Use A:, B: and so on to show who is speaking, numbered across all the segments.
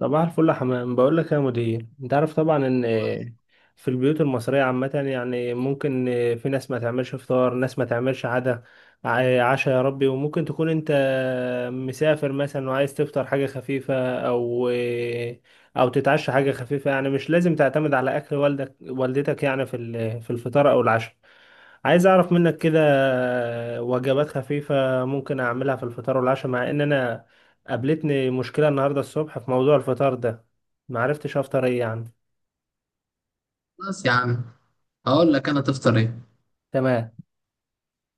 A: صباح الفل يا حمام. بقول لك يا مدير، انت عارف طبعا ان في البيوت المصريه عامه يعني ممكن في ناس ما تعملش فطار، ناس ما تعملش عدا عشاء. يا ربي، وممكن تكون انت مسافر مثلا وعايز تفطر حاجه خفيفه، او او تتعشى حاجه خفيفه، يعني مش لازم تعتمد على اكل والدك والدتك، يعني في في الفطار او العشاء. عايز اعرف منك كده وجبات خفيفه ممكن اعملها في الفطار والعشاء، مع ان انا قابلتني مشكلة النهاردة الصبح في موضوع الفطار ده، معرفتش أفطر إيه يعني.
B: خلاص يا عم، هقول لك انا تفطر ايه.
A: تمام.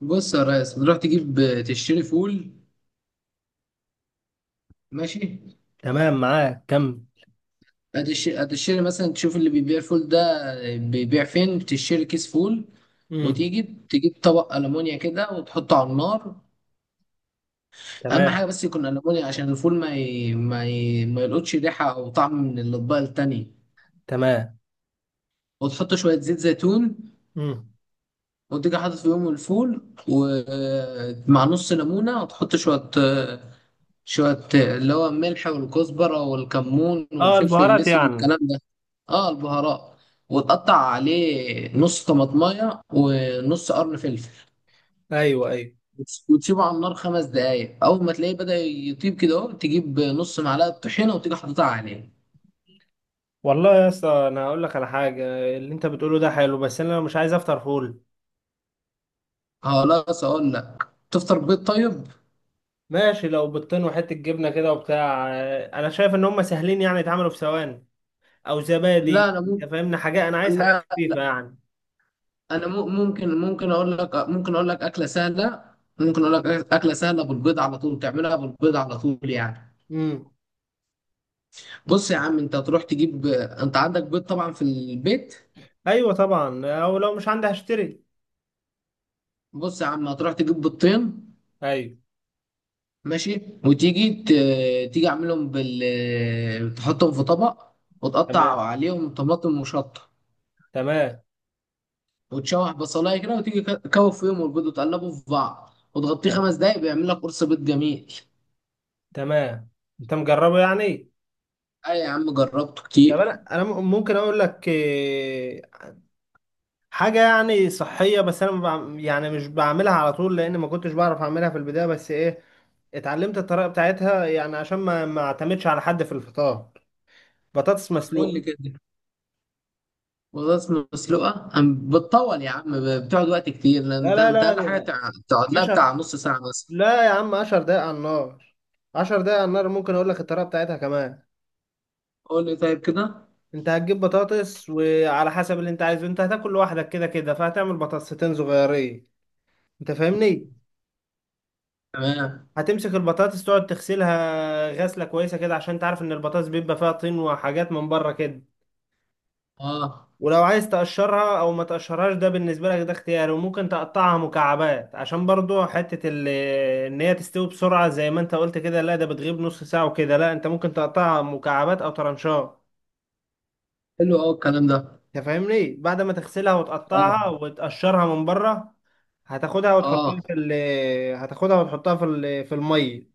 B: بص يا ريس، تروح تجيب تشتري فول، ماشي.
A: تمام معاك كم.
B: هتشتري مثلا تشوف اللي بيبيع الفول ده بيبيع فين، تشتري كيس فول.
A: امم.
B: وتيجي تجيب طبق ألمونيا كده وتحطه على النار. أهم
A: تمام.
B: حاجة بس يكون ألمونيا، عشان الفول ما يلقطش ريحة أو طعم من الأطباق التانية.
A: تمام.
B: وتحط شوية زيت زيتون
A: امم.
B: وتيجي حاطط فيهم الفول ومع نص ليمونة، وتحط شوية اللي هو الملح والكزبرة والكمون
A: آه،
B: والفلفل
A: البهارات
B: الأسود
A: يعني.
B: والكلام ده. اه، البهارات. وتقطع عليه نص طماطماية ونص قرن فلفل.
A: ايوه ايوه.
B: وتسيبه على النار 5 دقايق. أول ما تلاقيه بدأ يطيب كده، أهو تجيب نص معلقة طحينة وتيجي حاططها عليه.
A: والله يا اسطى، أنا هقول لك على حاجة. اللي أنت بتقوله ده حلو، بس أنا مش عايز أفطر فول.
B: خلاص، أقول لك تفطر بيض طيب؟
A: ماشي، لو بيضتين وحتة جبنة كده وبتاع آه، أنا شايف إن هم سهلين، يعني يتعملوا في ثواني. أو
B: لا،
A: زبادي.
B: أنا
A: أنت
B: ممكن.
A: فاهمني حاجة، أنا عايز حاجات
B: لا،
A: خفيفة يعني.
B: أنا ممكن أقول لك أكلة سهلة ممكن أقول لك أكلة سهلة بالبيض على طول، تعملها بالبيض على طول يعني.
A: امم.
B: بص يا عم، انت هتروح تجيب، انت عندك بيض طبعا في البيت.
A: أيوة طبعا، أو لو مش عندي هشتري.
B: بص يا عم، هتروح تجيب بيضتين،
A: ايوه.
B: ماشي. وتيجي ت... تيجي اعملهم تحطهم في طبق. وتقطع
A: تمام.
B: عليهم طماطم وشطه.
A: تمام.
B: وتشوح بصلايه كده وتيجي كوف فيهم البيض وتقلبه في بعض وتغطيه
A: نعم.
B: 5 دقايق، بيعمل لك قرص بيض جميل.
A: تمام. انت مجربه يعني.
B: اي يا عم، جربته
A: طب
B: كتير.
A: انا ممكن اقول لك آه، حاجه يعني صحيه، بس انا ما بعم- يعني مش بعملها على طول، لان ما كنتش بعرف اعملها في البدايه، بس ايه، اتعلمت الطريقه بتاعتها يعني عشان ما اعتمدش على حد في الفطار. بطاطس
B: طب قول
A: مسلوقه.
B: لي كده. بطاطس مسلوقه بتطول يا عم، بتقعد وقت كتير، لان
A: لا
B: انت
A: لا
B: انت اقل
A: لا
B: حاجه
A: لا.
B: تقعد لها
A: عشر.
B: بتاع نص ساعه مثلا.
A: لا يا عم، 10 دقايق على النار. 10 دقايق على النار. ممكن اقول لك الطريقه بتاعتها كمان.
B: قول لي طيب كده.
A: انت هتجيب بطاطس وعلى حسب اللي انت عايزه، انت هتاكل لوحدك كده كده، فهتعمل بطاطستين صغيرين. انت فاهمني.
B: تمام.
A: هتمسك البطاطس تقعد تغسلها غسلة كويسة كده عشان تعرف ان البطاطس بيبقى فيها طين وحاجات من بره كده.
B: اه،
A: ولو عايز تقشرها او ما تقشرهاش، ده بالنسبة لك، ده اختياري. وممكن تقطعها مكعبات عشان برضو حتة ان هي تستوي بسرعة، زي ما انت قلت كده لا ده بتغيب نص ساعة وكده، لا انت ممكن تقطعها مكعبات او ترنشات.
B: حلو، اه الكلام ده.
A: انت فاهمني. بعد ما تغسلها
B: اه.
A: وتقطعها وتقشرها من بره، هتاخدها وتحطها
B: اه.
A: في ال هتاخدها وتحطها في في المية.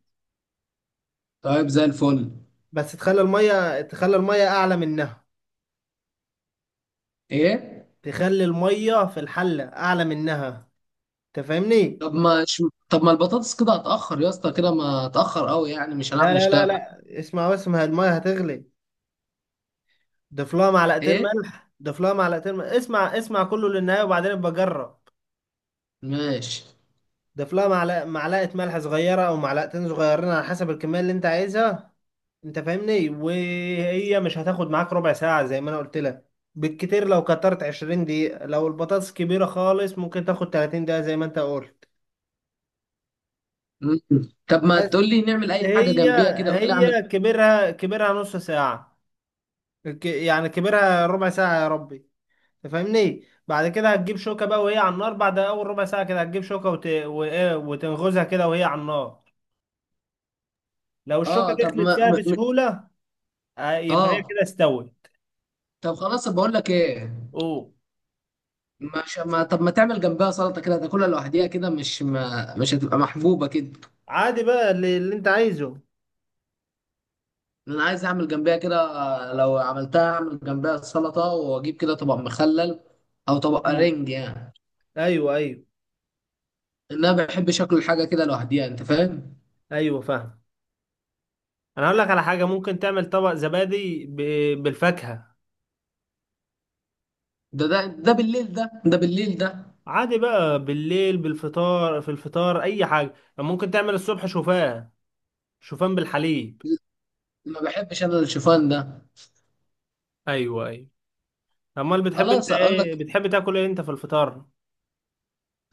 B: طيب زي الفل.
A: بس تخلي المية، تخلي المية اعلى منها.
B: ايه.
A: تخلي المية في الحلة أعلى منها. أنت فاهمني؟
B: طب ما ش... طب ما البطاطس كده هتأخر يا اسطى، كده ما هتأخر قوي يعني مش هنعرف
A: لا لا لا
B: نشتغل.
A: لا، اسمع بس، ما هي المية هتغلي. ضيف لها معلقتين
B: ايه.
A: ملح. ضيف لها معلقتين ملح. اسمع اسمع كله للنهاية وبعدين ابقى جرب.
B: ماشي.
A: ضيف لها معلقة، معلقة ملح صغيرة أو معلقتين صغيرين على حسب الكمية اللي أنت عايزها. أنت فاهمني؟ وهي مش هتاخد معاك ربع ساعة زي ما أنا قلت لك. بالكتير لو كترت 20 دقيقة، لو البطاطس كبيرة خالص ممكن تاخد 30 دقيقة زي ما أنت قلت.
B: مم. طب ما
A: بس
B: تقول لي نعمل اي حاجة
A: هي
B: جنبيها كده، قول لي اعمل.
A: هي كبرها كبرها نص ساعة، يعني كبرها ربع ساعة يا ربي. تفهمني. بعد كده هتجيب شوكة بقى وهي على النار، بعد أول ربع ساعة كده هتجيب شوكة وت... وإيه وتنغزها كده وهي على النار. لو الشوكة
B: اه، طب
A: دخلت
B: ما
A: فيها بسهولة، آه، يبقى هي
B: اه.
A: كده استوت.
B: طب خلاص بقول لك ايه.
A: أوه.
B: مش ما طب ما تعمل جنبها سلطة كده تاكلها لوحديها كده، مش هتبقى محبوبة كده.
A: عادي بقى اللي أنت عايزه.
B: انا عايز اعمل جنبها كده، لو عملتها اعمل جنبها سلطه واجيب كده طبق مخلل او طبق
A: مم.
B: رنج يعني.
A: أيوه أيوه.
B: ان انا بحب شكل الحاجه كده لوحديها، انت فاهم.
A: أيوه فاهم. أنا هقول لك على حاجة. ممكن تعمل طبق زبادي بالفاكهة.
B: ده بالليل، ده بالليل ده.
A: عادي بقى بالليل، بالفطار. في الفطار أي حاجة ممكن تعمل. الصبح شوفان، شوفان بالحليب.
B: ما بحبش انا الشوفان ده.
A: ايوه ايوه. امال بتحب انت
B: خلاص اقول لك.
A: ايه، بتحب تاكل ايه انت في الفطار.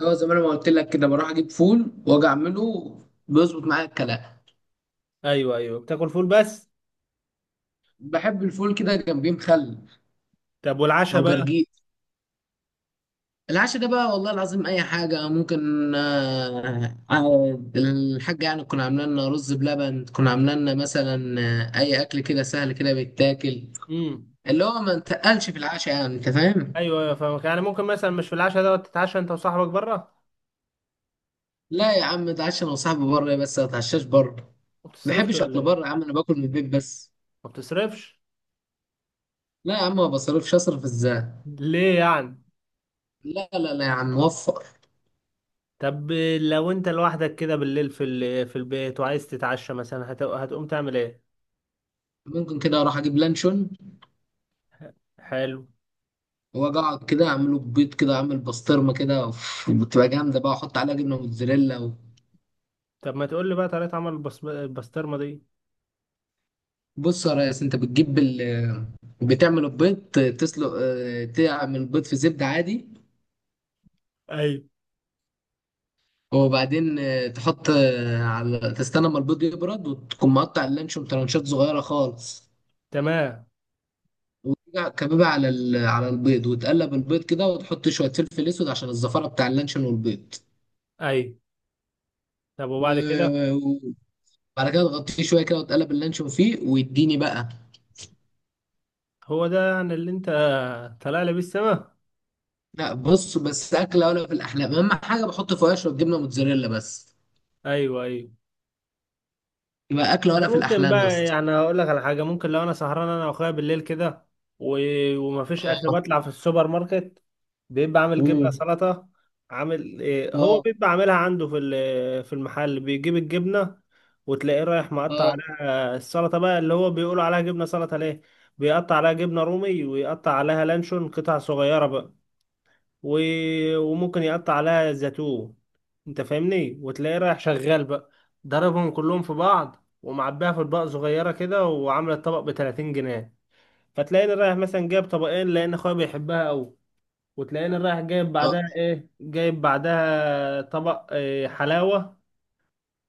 B: هو زي ما انا ما قلت لك كده، بروح اجيب فول واجي اعمله، بيظبط معايا الكلام.
A: ايوه ايوه بتاكل فول بس.
B: بحب الفول كده جنبيه مخلل
A: طب
B: او
A: والعشاء بقى.
B: جرجير. العشاء ده بقى والله العظيم اي حاجه ممكن، الحاجه يعني تكون عامله لنا رز بلبن، تكون عامله لنا مثلا اي اكل كده سهل كده بيتاكل،
A: امم.
B: اللي هو ما نتقلش في العشاء يعني، انت فاهم.
A: ايوه ايوه فاهمك. يعني ممكن مثلا مش في العشاء دوت تتعشى انت وصاحبك بره.
B: لا يا عم، اتعشى انا وصاحبي بره، بس ما اتعشاش بره.
A: ما
B: ما
A: بتصرفش
B: بحبش
A: ولا
B: اكل بره يا
A: ايه.
B: عم، انا باكل من البيت بس.
A: ما بتصرفش
B: لا يا عم، ما بصرفش، اصرف ازاي.
A: ليه يعني.
B: لا، لا، لا يا عم، وفر.
A: طب لو انت لوحدك كده بالليل في في البيت وعايز تتعشى مثلا، هتقوم تعمل ايه.
B: ممكن كده اروح اجيب لانشون
A: حلو.
B: واجي اقعد كده اعمله بيض كده، اعمل بسطرمه كده، أوف، بتبقى جامده بقى، احط عليها جبنه موتزاريلا.
A: طب ما تقول لي بقى طريقة عمل البسطرمة دي.
B: بص يا ريس، انت بتجيب بتعمل البيض. تسلق، تعمل البيض في زبدة عادي.
A: ايوه.
B: وبعدين تحط اه، على تستنى ما البيض يبرد، وتكون مقطع اللانشون ترانشات صغيرة خالص.
A: تمام.
B: وترجع كبيبة على البيض، وتقلب البيض كده وتحط شوية فلفل اسود عشان الزفارة بتاع اللانشون والبيض.
A: ايوه. طب وبعد كده.
B: و- وبعد كده تغطيه شوية كده وتقلب اللانشون فيه ويديني بقى.
A: هو ده يعني اللي انت طالع لي بيه السما.
B: لا، بص بس، أكلة ولا في الأحلام. أهم حاجة بحط فيها شوية جبنة موتزاريلا بس،
A: ايوه ايوه.
B: يبقى أكلة ولا
A: انا
B: في
A: ممكن
B: الأحلام يا
A: بقى
B: اسطى.
A: يعني اقول لك على حاجه. ممكن لو انا سهران انا واخويا بالليل كده و... ومفيش اكل، بطلع في السوبر ماركت، بيبقى عامل جبنه
B: امم.
A: سلطه. عامل إيه، هو
B: اه،
A: بيبقى عاملها عنده في في المحل. بيجيب الجبنه وتلاقيه رايح مقطع
B: اه،
A: عليها السلطه بقى، اللي هو بيقولوا عليها جبنه سلطه ليه. بيقطع عليها جبنه رومي ويقطع عليها لانشون قطع صغيره بقى و... وممكن يقطع عليها زيتون. انت فاهمني. وتلاقيه رايح شغال بقى، ضربهم كلهم في بعض ومعبيها في اطباق صغيره كده، وعامله الطبق ب 30 جنيه. فتلاقيني رايح مثلا جايب طبقين لان اخويا بيحبها قوي. وتلاقيني رايح جايب
B: اه
A: بعدها ايه، جايب بعدها طبق إيه، حلاوه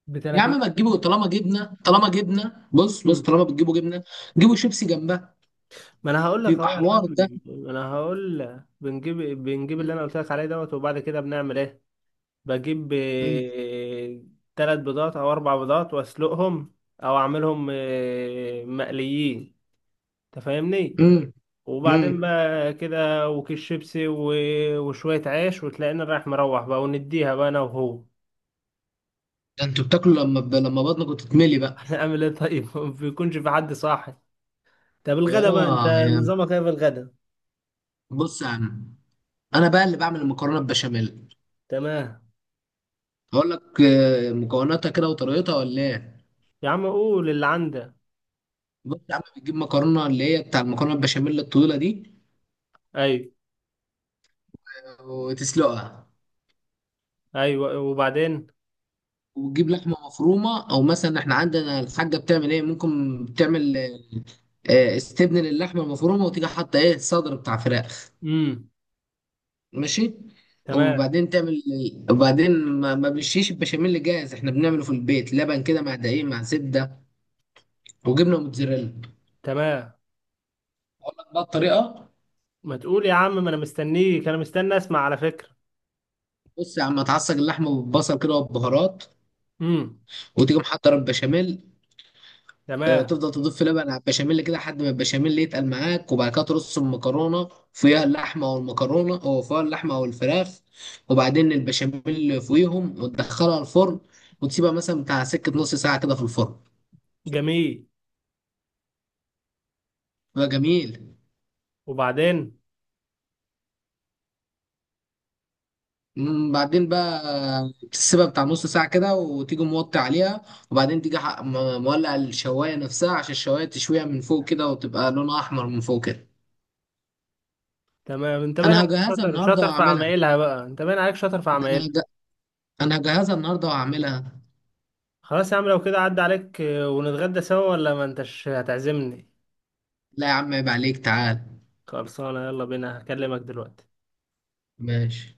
A: ب
B: يا
A: 30.
B: عم ما تجيبوا، طالما جبنه طالما جبنه، بص بص،
A: مم.
B: طالما بتجيبوا جبنه، جيبوا شيبسي جنبها.
A: ما انا هقول لك
B: بيبقى
A: اهو يا عم،
B: حوار ده.
A: ما انا هقول لك بنجيب اللي انا قلت لك عليه دوت. وبعد كده بنعمل ايه. بجيب
B: امم.
A: آه، تلات بيضات او اربع بيضات واسلقهم، او اعملهم آه، مقليين. تفهمني.
B: امم.
A: وبعدين
B: امم.
A: بقى كده وكيس شيبسي وشوية عيش، وتلاقينا رايح مروح بقى ونديها بقى انا وهو.
B: ده انتوا بتاكلوا لما لما بطنكم تتملي بقى.
A: هنعمل ايه طيب ما بيكونش في حد صاحي. طب الغدا بقى انت
B: اه،
A: نظامك ايه في الغدا.
B: بص يا عم، انا بقى اللي بعمل المكرونه البشاميل.
A: تمام.
B: هقول لك مكوناتها كده وطريقتها ولا ايه.
A: يا عم قول اللي عندك.
B: بص يا عم، بتجيب مكرونه اللي هي بتاع المكرونه البشاميل الطويله دي.
A: ايوه.
B: وتسلقها.
A: ايوه وبعدين.
B: وتجيب لحمه مفرومه، او مثلا احنا عندنا الحاجه بتعمل ايه، ممكن بتعمل استبن للحمه المفرومه، وتيجي حاطه ايه صدر بتاع فراخ.
A: امم.
B: ماشي.
A: تمام.
B: وبعدين تعمل وبعدين ما بنشيش البشاميل جاهز، احنا بنعمله في البيت لبن كده مع دقيق مع زبده وجبنه موتزاريلا.
A: تمام.
B: اقول لك بقى الطريقه.
A: ما تقول يا عم، ما انا مستنيك، انا مستني اسمع على فكرة.
B: بص يا عم، هتعصج اللحمه بالبصل كده والبهارات،
A: مم.
B: وتيجي محضر البشاميل،
A: تمام.
B: تفضل تضيف لبن على البشاميل كده لحد ما البشاميل يتقل معاك، وبعد كده ترص المكرونه فيها اللحمه او المكرونه او فيها اللحمه او الفراخ، وبعدين البشاميل فوقيهم وتدخلها الفرن، وتسيبها مثلا بتاع سكه نص ساعه كده في الفرن.
A: جميل.
B: بقى جميل.
A: وبعدين.
B: بعدين بقى تسيبها بتاع نص ساعة كده وتيجي موطي عليها، وبعدين تيجي مولع الشواية نفسها عشان الشواية تشويها من فوق كده وتبقى لونها أحمر من فوق كده.
A: تمام. انت باين
B: أنا
A: عليك
B: هجهزها
A: شاطر،
B: النهاردة
A: شاطر في
B: وأعملها.
A: عمايلها بقى، انت باين عليك شاطر في
B: ده أنا
A: عمايلها.
B: هج- أنا هجهزها النهاردة وأعملها.
A: خلاص يا عم، لو كده عدى عليك آه، ونتغدى سوا، ولا ما انتش هتعزمني.
B: لا يا عم، عيب عليك، تعال.
A: خلصانه يلا بينا، هكلمك دلوقتي.
B: ماشي.